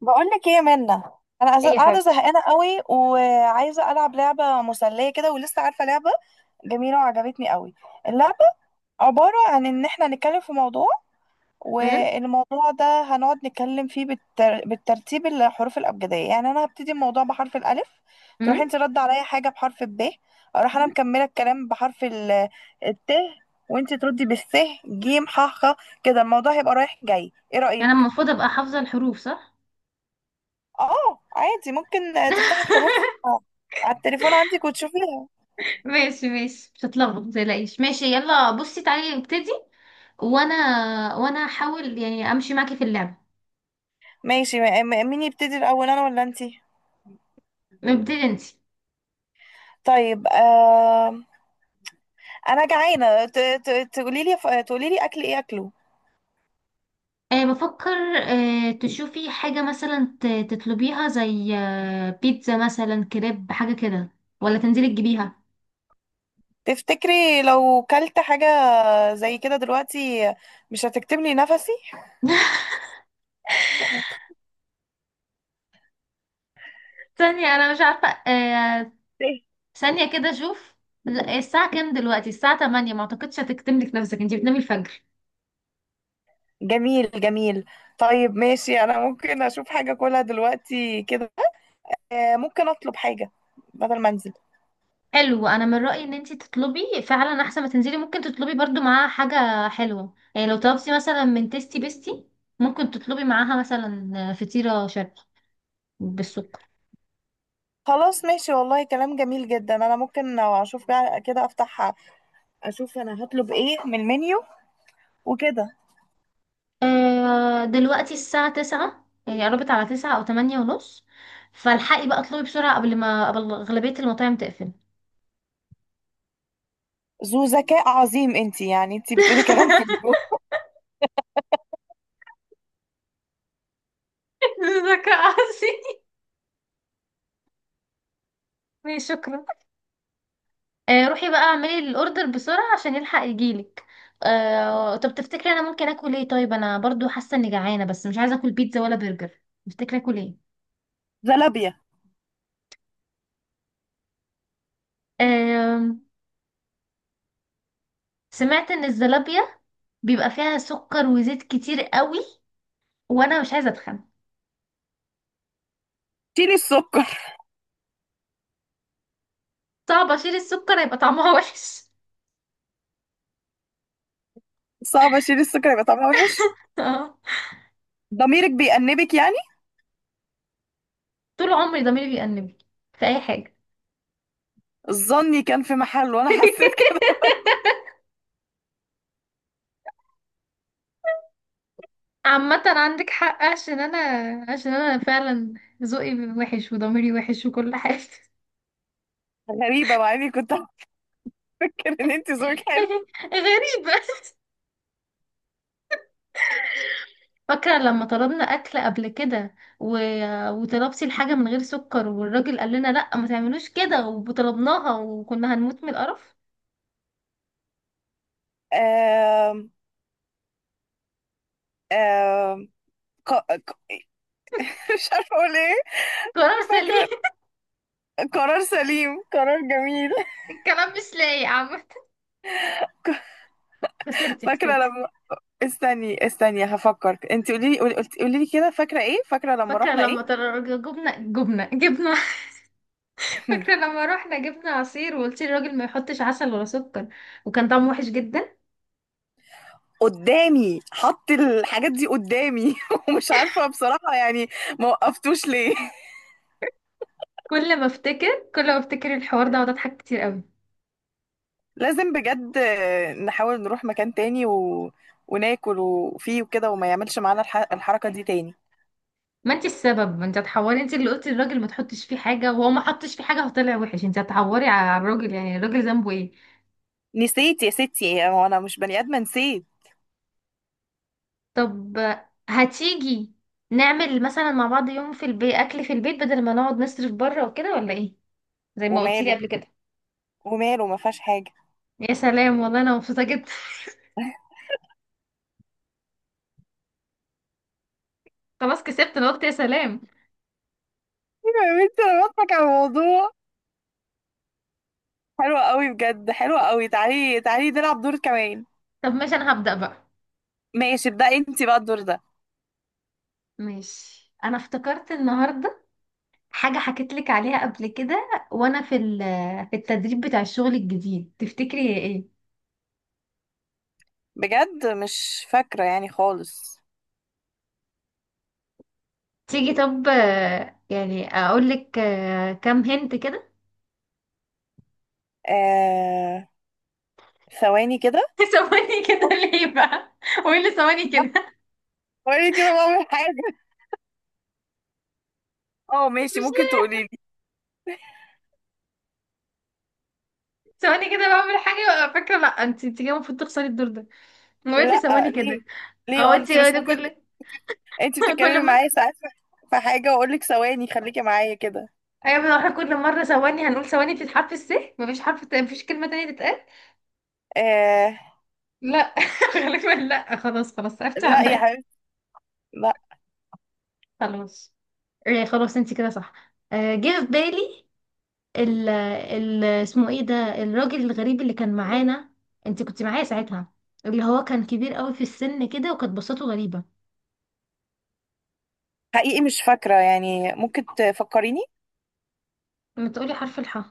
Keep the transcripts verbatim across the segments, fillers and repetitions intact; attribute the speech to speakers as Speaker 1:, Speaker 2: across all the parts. Speaker 1: بقول لك ايه يا منى. انا
Speaker 2: ايه
Speaker 1: عايزة-
Speaker 2: يا
Speaker 1: قاعده
Speaker 2: حبيبتي؟
Speaker 1: زهقانه قوي وعايزه العب لعبه مسليه كده ولسه عارفه لعبه جميله وعجبتني قوي اللعبه. عباره عن ان احنا نتكلم في موضوع،
Speaker 2: امم.
Speaker 1: والموضوع ده هنقعد نتكلم فيه بالتر... بالترتيب الحروف الابجديه، يعني انا هبتدي الموضوع بحرف الالف،
Speaker 2: امم.
Speaker 1: تروح انت رد عليا حاجه بحرف الب، اروح انا مكمله الكلام بحرف ال... الت، وانت تردي بالس، ج ح خ. كده الموضوع هيبقى رايح جاي، ايه
Speaker 2: يعني أنا
Speaker 1: رايك؟
Speaker 2: المفروض ابقى حافظة الحروف، صح؟
Speaker 1: اه عادي، ممكن تفتحي الحروف على التليفون عندك وتشوفيها.
Speaker 2: ماشي، ماشي، مش هتلخبط، متقلقيش. ماشي، يلا بصي تعالي نبتدي. وانا وانا هحاول يعني امشي معاكي في اللعبة.
Speaker 1: ماشي، م- م- مين يبتدي الاول، انا ولا انتي؟
Speaker 2: نبتدي انت.
Speaker 1: طيب آه، انا جعانه، ت- ت- تقولي لي تقولي لي اكل ايه اكله.
Speaker 2: أه بفكر. أه تشوفي حاجة مثلا ت- تطلبيها زي آه، بيتزا، مثلا كريب حاجة كده، ولا تنزلي تجيبيها.
Speaker 1: تفتكري لو كلت حاجه زي كده دلوقتي مش هتكتم لي نفسي؟
Speaker 2: ثانية، أنا مش عارفة آه...
Speaker 1: إيه؟
Speaker 2: ثانية كده أشوف. لا، الساعة كام دلوقتي؟ الساعة تمانية، ما أعتقدش هتكتملك نفسك، أنتي بتنامي الفجر.
Speaker 1: جميل جميل. طيب ماشي، انا ممكن اشوف حاجه اكلها دلوقتي كده. آه ممكن اطلب حاجه بدل ما انزل.
Speaker 2: حلو، انا من رايي ان انت تطلبي فعلا، احسن ما تنزلي. ممكن تطلبي برضو معاها حاجه حلوه، يعني لو طلبتي مثلا من تيستي بيستي ممكن تطلبي معاها مثلا فطيره شرقي بالسكر.
Speaker 1: خلاص ماشي، والله كلام جميل جدا، انا ممكن لو اشوف بقى كده، افتح اشوف انا هطلب ايه من المنيو وكده.
Speaker 2: آه، دلوقتي الساعه تسعة، يعني قربت على تسعة او تمانية ونص. فالحقي بقى اطلبي بسرعه قبل ما قبل اغلبيه المطاعم تقفل.
Speaker 1: ذو ذكاء عظيم انتي، يعني انتي بتقولي كلام في.
Speaker 2: ذكاء عصي. ماشي، شكرا. آه، روحي بقى اعملي الاوردر بسرعه عشان يلحق يجيلك. آه، طب تفتكري انا ممكن اكل ايه؟ طيب، انا برضو حاسه اني جعانه بس مش عايزه اكل بيتزا ولا برجر. تفتكري اكل ايه؟
Speaker 1: زلابية.
Speaker 2: آم، سمعت ان الزلابيه بيبقى فيها سكر وزيت كتير قوي، وانا مش عايزه اتخن.
Speaker 1: شيلي السكر.
Speaker 2: صعب اشيل السكر، هيبقى طعمها وحش.
Speaker 1: صعب اشيل السكر يبقى طعمها وحش. ضميرك بيأنبك يعني.
Speaker 2: طول عمري ضميري بيأنبني في اي حاجه.
Speaker 1: ظني كان في محله وانا حسيت كده.
Speaker 2: عامة عندك حق، عشان انا عشان انا فعلا ذوقي وحش وضميري وحش وكل حاجة.
Speaker 1: غريبة، مع اني كنت هفكر ان انتي ذوقك حلو.
Speaker 2: غريبة. فاكرة لما طلبنا أكل قبل كده و... وطلبتي الحاجة من غير سكر، والراجل قال لنا لأ ما تعملوش كده، وطلبناها وكنا هنموت من القرف.
Speaker 1: آم. آم. ق... ق... مش عارفة اقول ايه.
Speaker 2: قرار سليم.
Speaker 1: فاكرة. قرار سليم، قرار جميل.
Speaker 2: الكلام مش لايق عامة. خسرتي،
Speaker 1: فاكرة
Speaker 2: خسرتي.
Speaker 1: لما استني استني هفكر، انت قولي لي، قولي لي كده فاكره ايه، فاكره لما
Speaker 2: فاكرة
Speaker 1: رحنا ايه.
Speaker 2: لما طل- جبنا جبنا جبنا. فاكرة لما روحنا جبنا عصير، وقلتي للراجل ما يحطش عسل ولا سكر، وكان طعمه وحش جدا.
Speaker 1: قدامي، حط الحاجات دي قدامي ومش عارفه بصراحه يعني ما وقفتوش ليه.
Speaker 2: كل ما افتكر كل ما افتكر الحوار ده اقعد اضحك كتير قوي.
Speaker 1: لازم بجد نحاول نروح مكان تاني و... وناكل وفيه وكده، وما يعملش معانا الح... الحركه دي تاني.
Speaker 2: ما انت السبب، ما انت هتحوري، انت اللي قلتي للراجل ما تحطش فيه حاجه، وهو ما حطش فيه حاجه فطلع وحش. انت هتحوري على الراجل؟ يعني الراجل ذنبه ايه؟
Speaker 1: نسيت يا ستي، هو انا مش بني ادمه؟ نسيت.
Speaker 2: طب، هتيجي نعمل مثلا مع بعض يوم في البيت، اكل في البيت بدل ما نقعد نصرف بره وكده، ولا ايه؟ زي ما قلتي لي
Speaker 1: وماله،
Speaker 2: قبل كده.
Speaker 1: وماله، ما فيهاش حاجه.
Speaker 2: يا سلام، والله انا مبسوطه جدا. خلاص، كسبت! انا قلت يا سلام.
Speaker 1: ايوه يا بنتي انا بضحك على الموضوع، حلوه قوي بجد، حلوه قوي. تعالي تعالي نلعب دور كمان.
Speaker 2: طب ماشي، انا هبدأ بقى.
Speaker 1: ماشي، ابدأي انتي بقى الدور ده.
Speaker 2: ماشي، انا افتكرت النهارده حاجه حكيت لك عليها قبل كده وانا في ال- في التدريب بتاع الشغل الجديد. تفتكري هي ايه؟
Speaker 1: بجد مش فاكرة يعني خالص.
Speaker 2: تيجي طب، آه، يعني اقول لك آه، كام هنت كده؟
Speaker 1: آه... ثواني كده.
Speaker 2: ثواني كده ليه بقى؟ وايه اللي ثواني كده؟
Speaker 1: قولي كده بعمل حاجة. اه ماشي،
Speaker 2: مش
Speaker 1: ممكن
Speaker 2: لازم.
Speaker 1: تقولي لي.
Speaker 2: ثواني كده بعمل حاجه وأبقى فاكره؟ لا، انت انت كده المفروض تخسري الدور ده. وايه اللي
Speaker 1: لا
Speaker 2: ثواني
Speaker 1: ليه؟
Speaker 2: كده؟
Speaker 1: ليه
Speaker 2: هو
Speaker 1: وانا
Speaker 2: انت
Speaker 1: انت مش
Speaker 2: كده
Speaker 1: ممكن.
Speaker 2: كل.
Speaker 1: انت بتتكلمي
Speaker 2: كل ما...
Speaker 1: معايا ساعات في في حاجة واقول لك ثواني خليكي معايا كده.
Speaker 2: ايوه، احنا كل مره ثواني هنقول ثواني بتتحرف، السه مفيش حرف. ت- مفيش كلمه تانية تتقال.
Speaker 1: آه...
Speaker 2: لا. غالبا لا. خلاص، خلاص، عرفت
Speaker 1: لا يا
Speaker 2: عليا.
Speaker 1: حبيبتي، لا.
Speaker 2: خلاص. آه، خلاص انت كده صح. آه، جه في بالي ال ال اسمه ايه ده، الراجل الغريب اللي كان معانا. انت كنت معايا ساعتها، اللي هو كان كبير قوي في السن كده، وكانت بصته غريبة.
Speaker 1: حقيقي مش فاكرة يعني، ممكن تفكريني.
Speaker 2: ما تقولي حرف الحاء.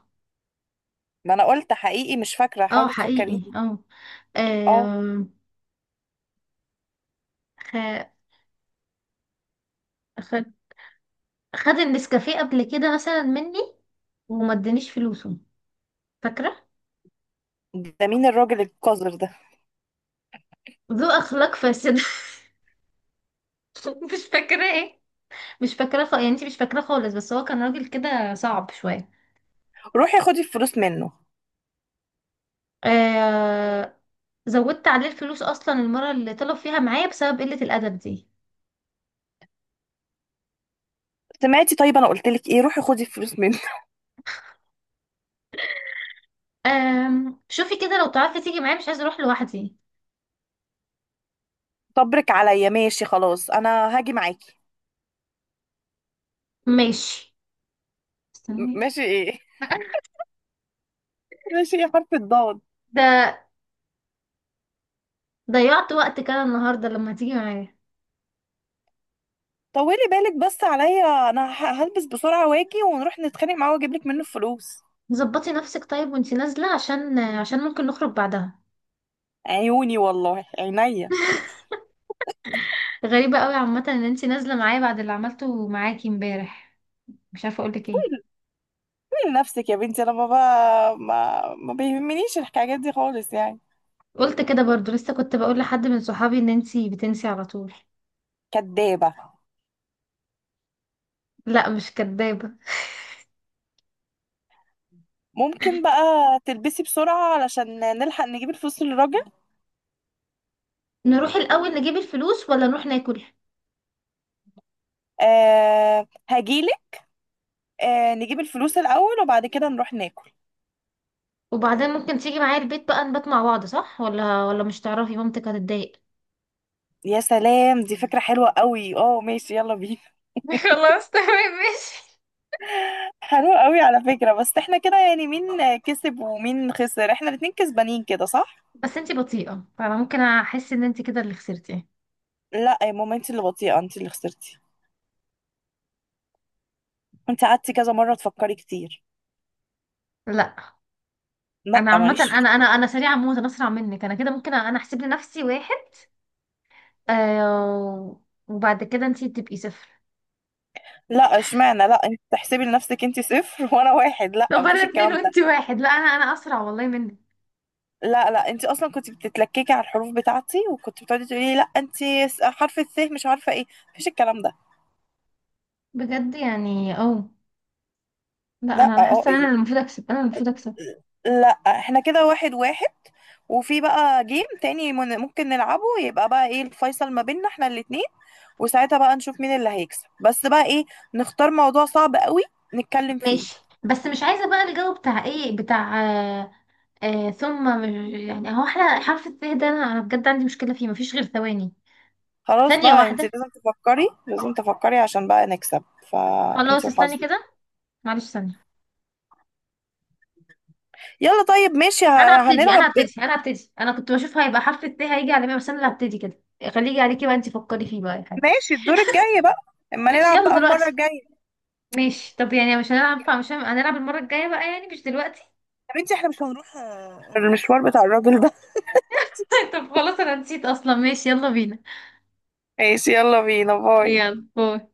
Speaker 1: ما انا قلت حقيقي مش فاكرة،
Speaker 2: اه،
Speaker 1: حاولي تفكريني.
Speaker 2: حقيقي، اه.
Speaker 1: اه.
Speaker 2: آم، خ... خد خد النسكافيه قبل كده مثلا مني، وما ادانيش فلوسه. فاكرة؟
Speaker 1: ده مين الراجل القذر ده؟
Speaker 2: ذو اخلاق فاسد. مش فاكرة ايه؟ مش فاكرة خ... يعني؟ انت مش فاكرة خالص، بس هو كان راجل كده صعب شوية.
Speaker 1: روحي خدي الفلوس منه.
Speaker 2: آه، زودت عليه الفلوس اصلا المره اللي طلب فيها معايا بسبب قله الادب دي.
Speaker 1: سمعتي؟ طيب انا قلت لك ايه؟ روحي خدي الفلوس منه.
Speaker 2: آم شوفي كده لو تعرفي تيجي معايا، مش عايزه اروح لوحدي.
Speaker 1: صبرك عليا، ماشي خلاص انا هاجي معاكي.
Speaker 2: ماشي.
Speaker 1: م-
Speaker 2: استني.
Speaker 1: ماشي ايه؟ ماشي يا حرف الضاد.
Speaker 2: ده ضيعت وقت كده النهارده لما تيجي معايا.
Speaker 1: طولي بالك بس عليا، انا ه- هلبس بسرعه واجي ونروح نتخانق معاه واجيب لك منه الفلوس.
Speaker 2: ظبطي نفسك طيب وانتي نازله، عشان عشان ممكن نخرج بعدها.
Speaker 1: عيوني والله، عينيا.
Speaker 2: غريبه قوي عامه ان انتي نازله معايا بعد اللي عملته معاكي امبارح، مش عارفه اقولك ايه.
Speaker 1: من نفسك يا بنتي انا بابا، ما ما بيهمنيش الحكايات دي خالص يعني.
Speaker 2: قلت كده برضو، لسه كنت بقول لحد من صحابي ان انتي بتنسي على طول.
Speaker 1: كدابه.
Speaker 2: لا، مش كدابه.
Speaker 1: ممكن بقى تلبسي بسرعه علشان نلحق نجيب الفلوس للراجل.
Speaker 2: نروح الأول نجيب الفلوس ولا نروح ناكل؟
Speaker 1: آه هجيلك. آه نجيب الفلوس الاول وبعد كده نروح ناكل.
Speaker 2: وبعدين ممكن تيجي معايا البيت بقى نبات مع بعض، صح؟ ولا ولا مش تعرفي مامتك هتتضايق؟
Speaker 1: يا سلام، دي فكرة حلوة قوي، اه ماشي يلا بينا.
Speaker 2: خلاص، تمام، ماشي.
Speaker 1: حلوة قوي على فكرة، بس احنا كده يعني مين كسب ومين خسر؟ احنا الاتنين كسبانين كده صح.
Speaker 2: بس انتي بطيئة، فانا ممكن احس ان انتي كده اللي خسرتي.
Speaker 1: لا يا ماما، انت اللي بطيئة، انت اللي خسرتي. انت قعدتي كذا مرة تفكري كتير.
Speaker 2: لا،
Speaker 1: لا
Speaker 2: انا عامة
Speaker 1: ماليش فيه.
Speaker 2: انا انا انا سريعة موت، انا اسرع منك، انا كده ممكن انا احسب لنفسي واحد. آه، وبعد كده انتي تبقي صفر.
Speaker 1: لا اشمعنى، لا انت تحسبي لنفسك، انت صفر وانا واحد. لا
Speaker 2: طب
Speaker 1: مفيش
Speaker 2: انا اتنين
Speaker 1: الكلام
Speaker 2: وانتي
Speaker 1: ده.
Speaker 2: واحد. لا، انا انا اسرع والله منك.
Speaker 1: لا لا، انت اصلا كنت بتتلككي على الحروف بتاعتي، وكنت بتقعدي تقولي لي لا انت، حرف الث مش عارفة ايه. مفيش الكلام ده.
Speaker 2: بجد يعني؟ اه، لا،
Speaker 1: لا
Speaker 2: انا انا
Speaker 1: اه
Speaker 2: حاسة ان
Speaker 1: إيه.
Speaker 2: انا المفروض اكسب، انا المفروض اكسب.
Speaker 1: لا احنا كده واحد واحد، وفي بقى جيم تاني من- ممكن نلعبه، يبقى بقى ايه الفيصل ما بيننا احنا الاتنين، وساعتها بقى نشوف مين اللي هيكسب، بس بقى ايه، نختار موضوع صعب قوي نتكلم فيه.
Speaker 2: ماشي، بس مش عايزة بقى الجو بتاع ايه بتاع. آه آه ثم مش- يعني، هو احنا حرف الث ده انا أنا بجد عندي مشكلة فيه، مفيش غير ثواني.
Speaker 1: خلاص
Speaker 2: ثانية
Speaker 1: بقى انت
Speaker 2: واحدة.
Speaker 1: لازم تفكري، لازم تفكري عشان بقى نكسب، فانت
Speaker 2: خلاص استني
Speaker 1: وحظك.
Speaker 2: كده، معلش، ثانية.
Speaker 1: يلا طيب ماشي
Speaker 2: انا
Speaker 1: ه-
Speaker 2: هبتدي
Speaker 1: هنلعب.
Speaker 2: انا هبتدي انا هبتدي انا كنت بشوف هيبقى حرف الث هيجي على مين، بس انا اللي هبتدي كده. خليجي عليكي بقى، انت فكري فيه بقى يا حبيبتي.
Speaker 1: ماشي الدور الجاي بقى، اما
Speaker 2: ماشي
Speaker 1: نلعب
Speaker 2: يلا
Speaker 1: بقى المرة
Speaker 2: دلوقتي.
Speaker 1: الجاية.
Speaker 2: ماشي طب، يعني مش هنلعب، مش هن- هنلعب المرة الجاية بقى، يعني مش دلوقتي.
Speaker 1: يا بنتي احنا مش هنروح آه، المشوار بتاع الراجل ده.
Speaker 2: طب خلاص انا نسيت اصلا. ماشي، يلا بينا.
Speaker 1: ماشي يلا بينا، باي.
Speaker 2: يلا، باي.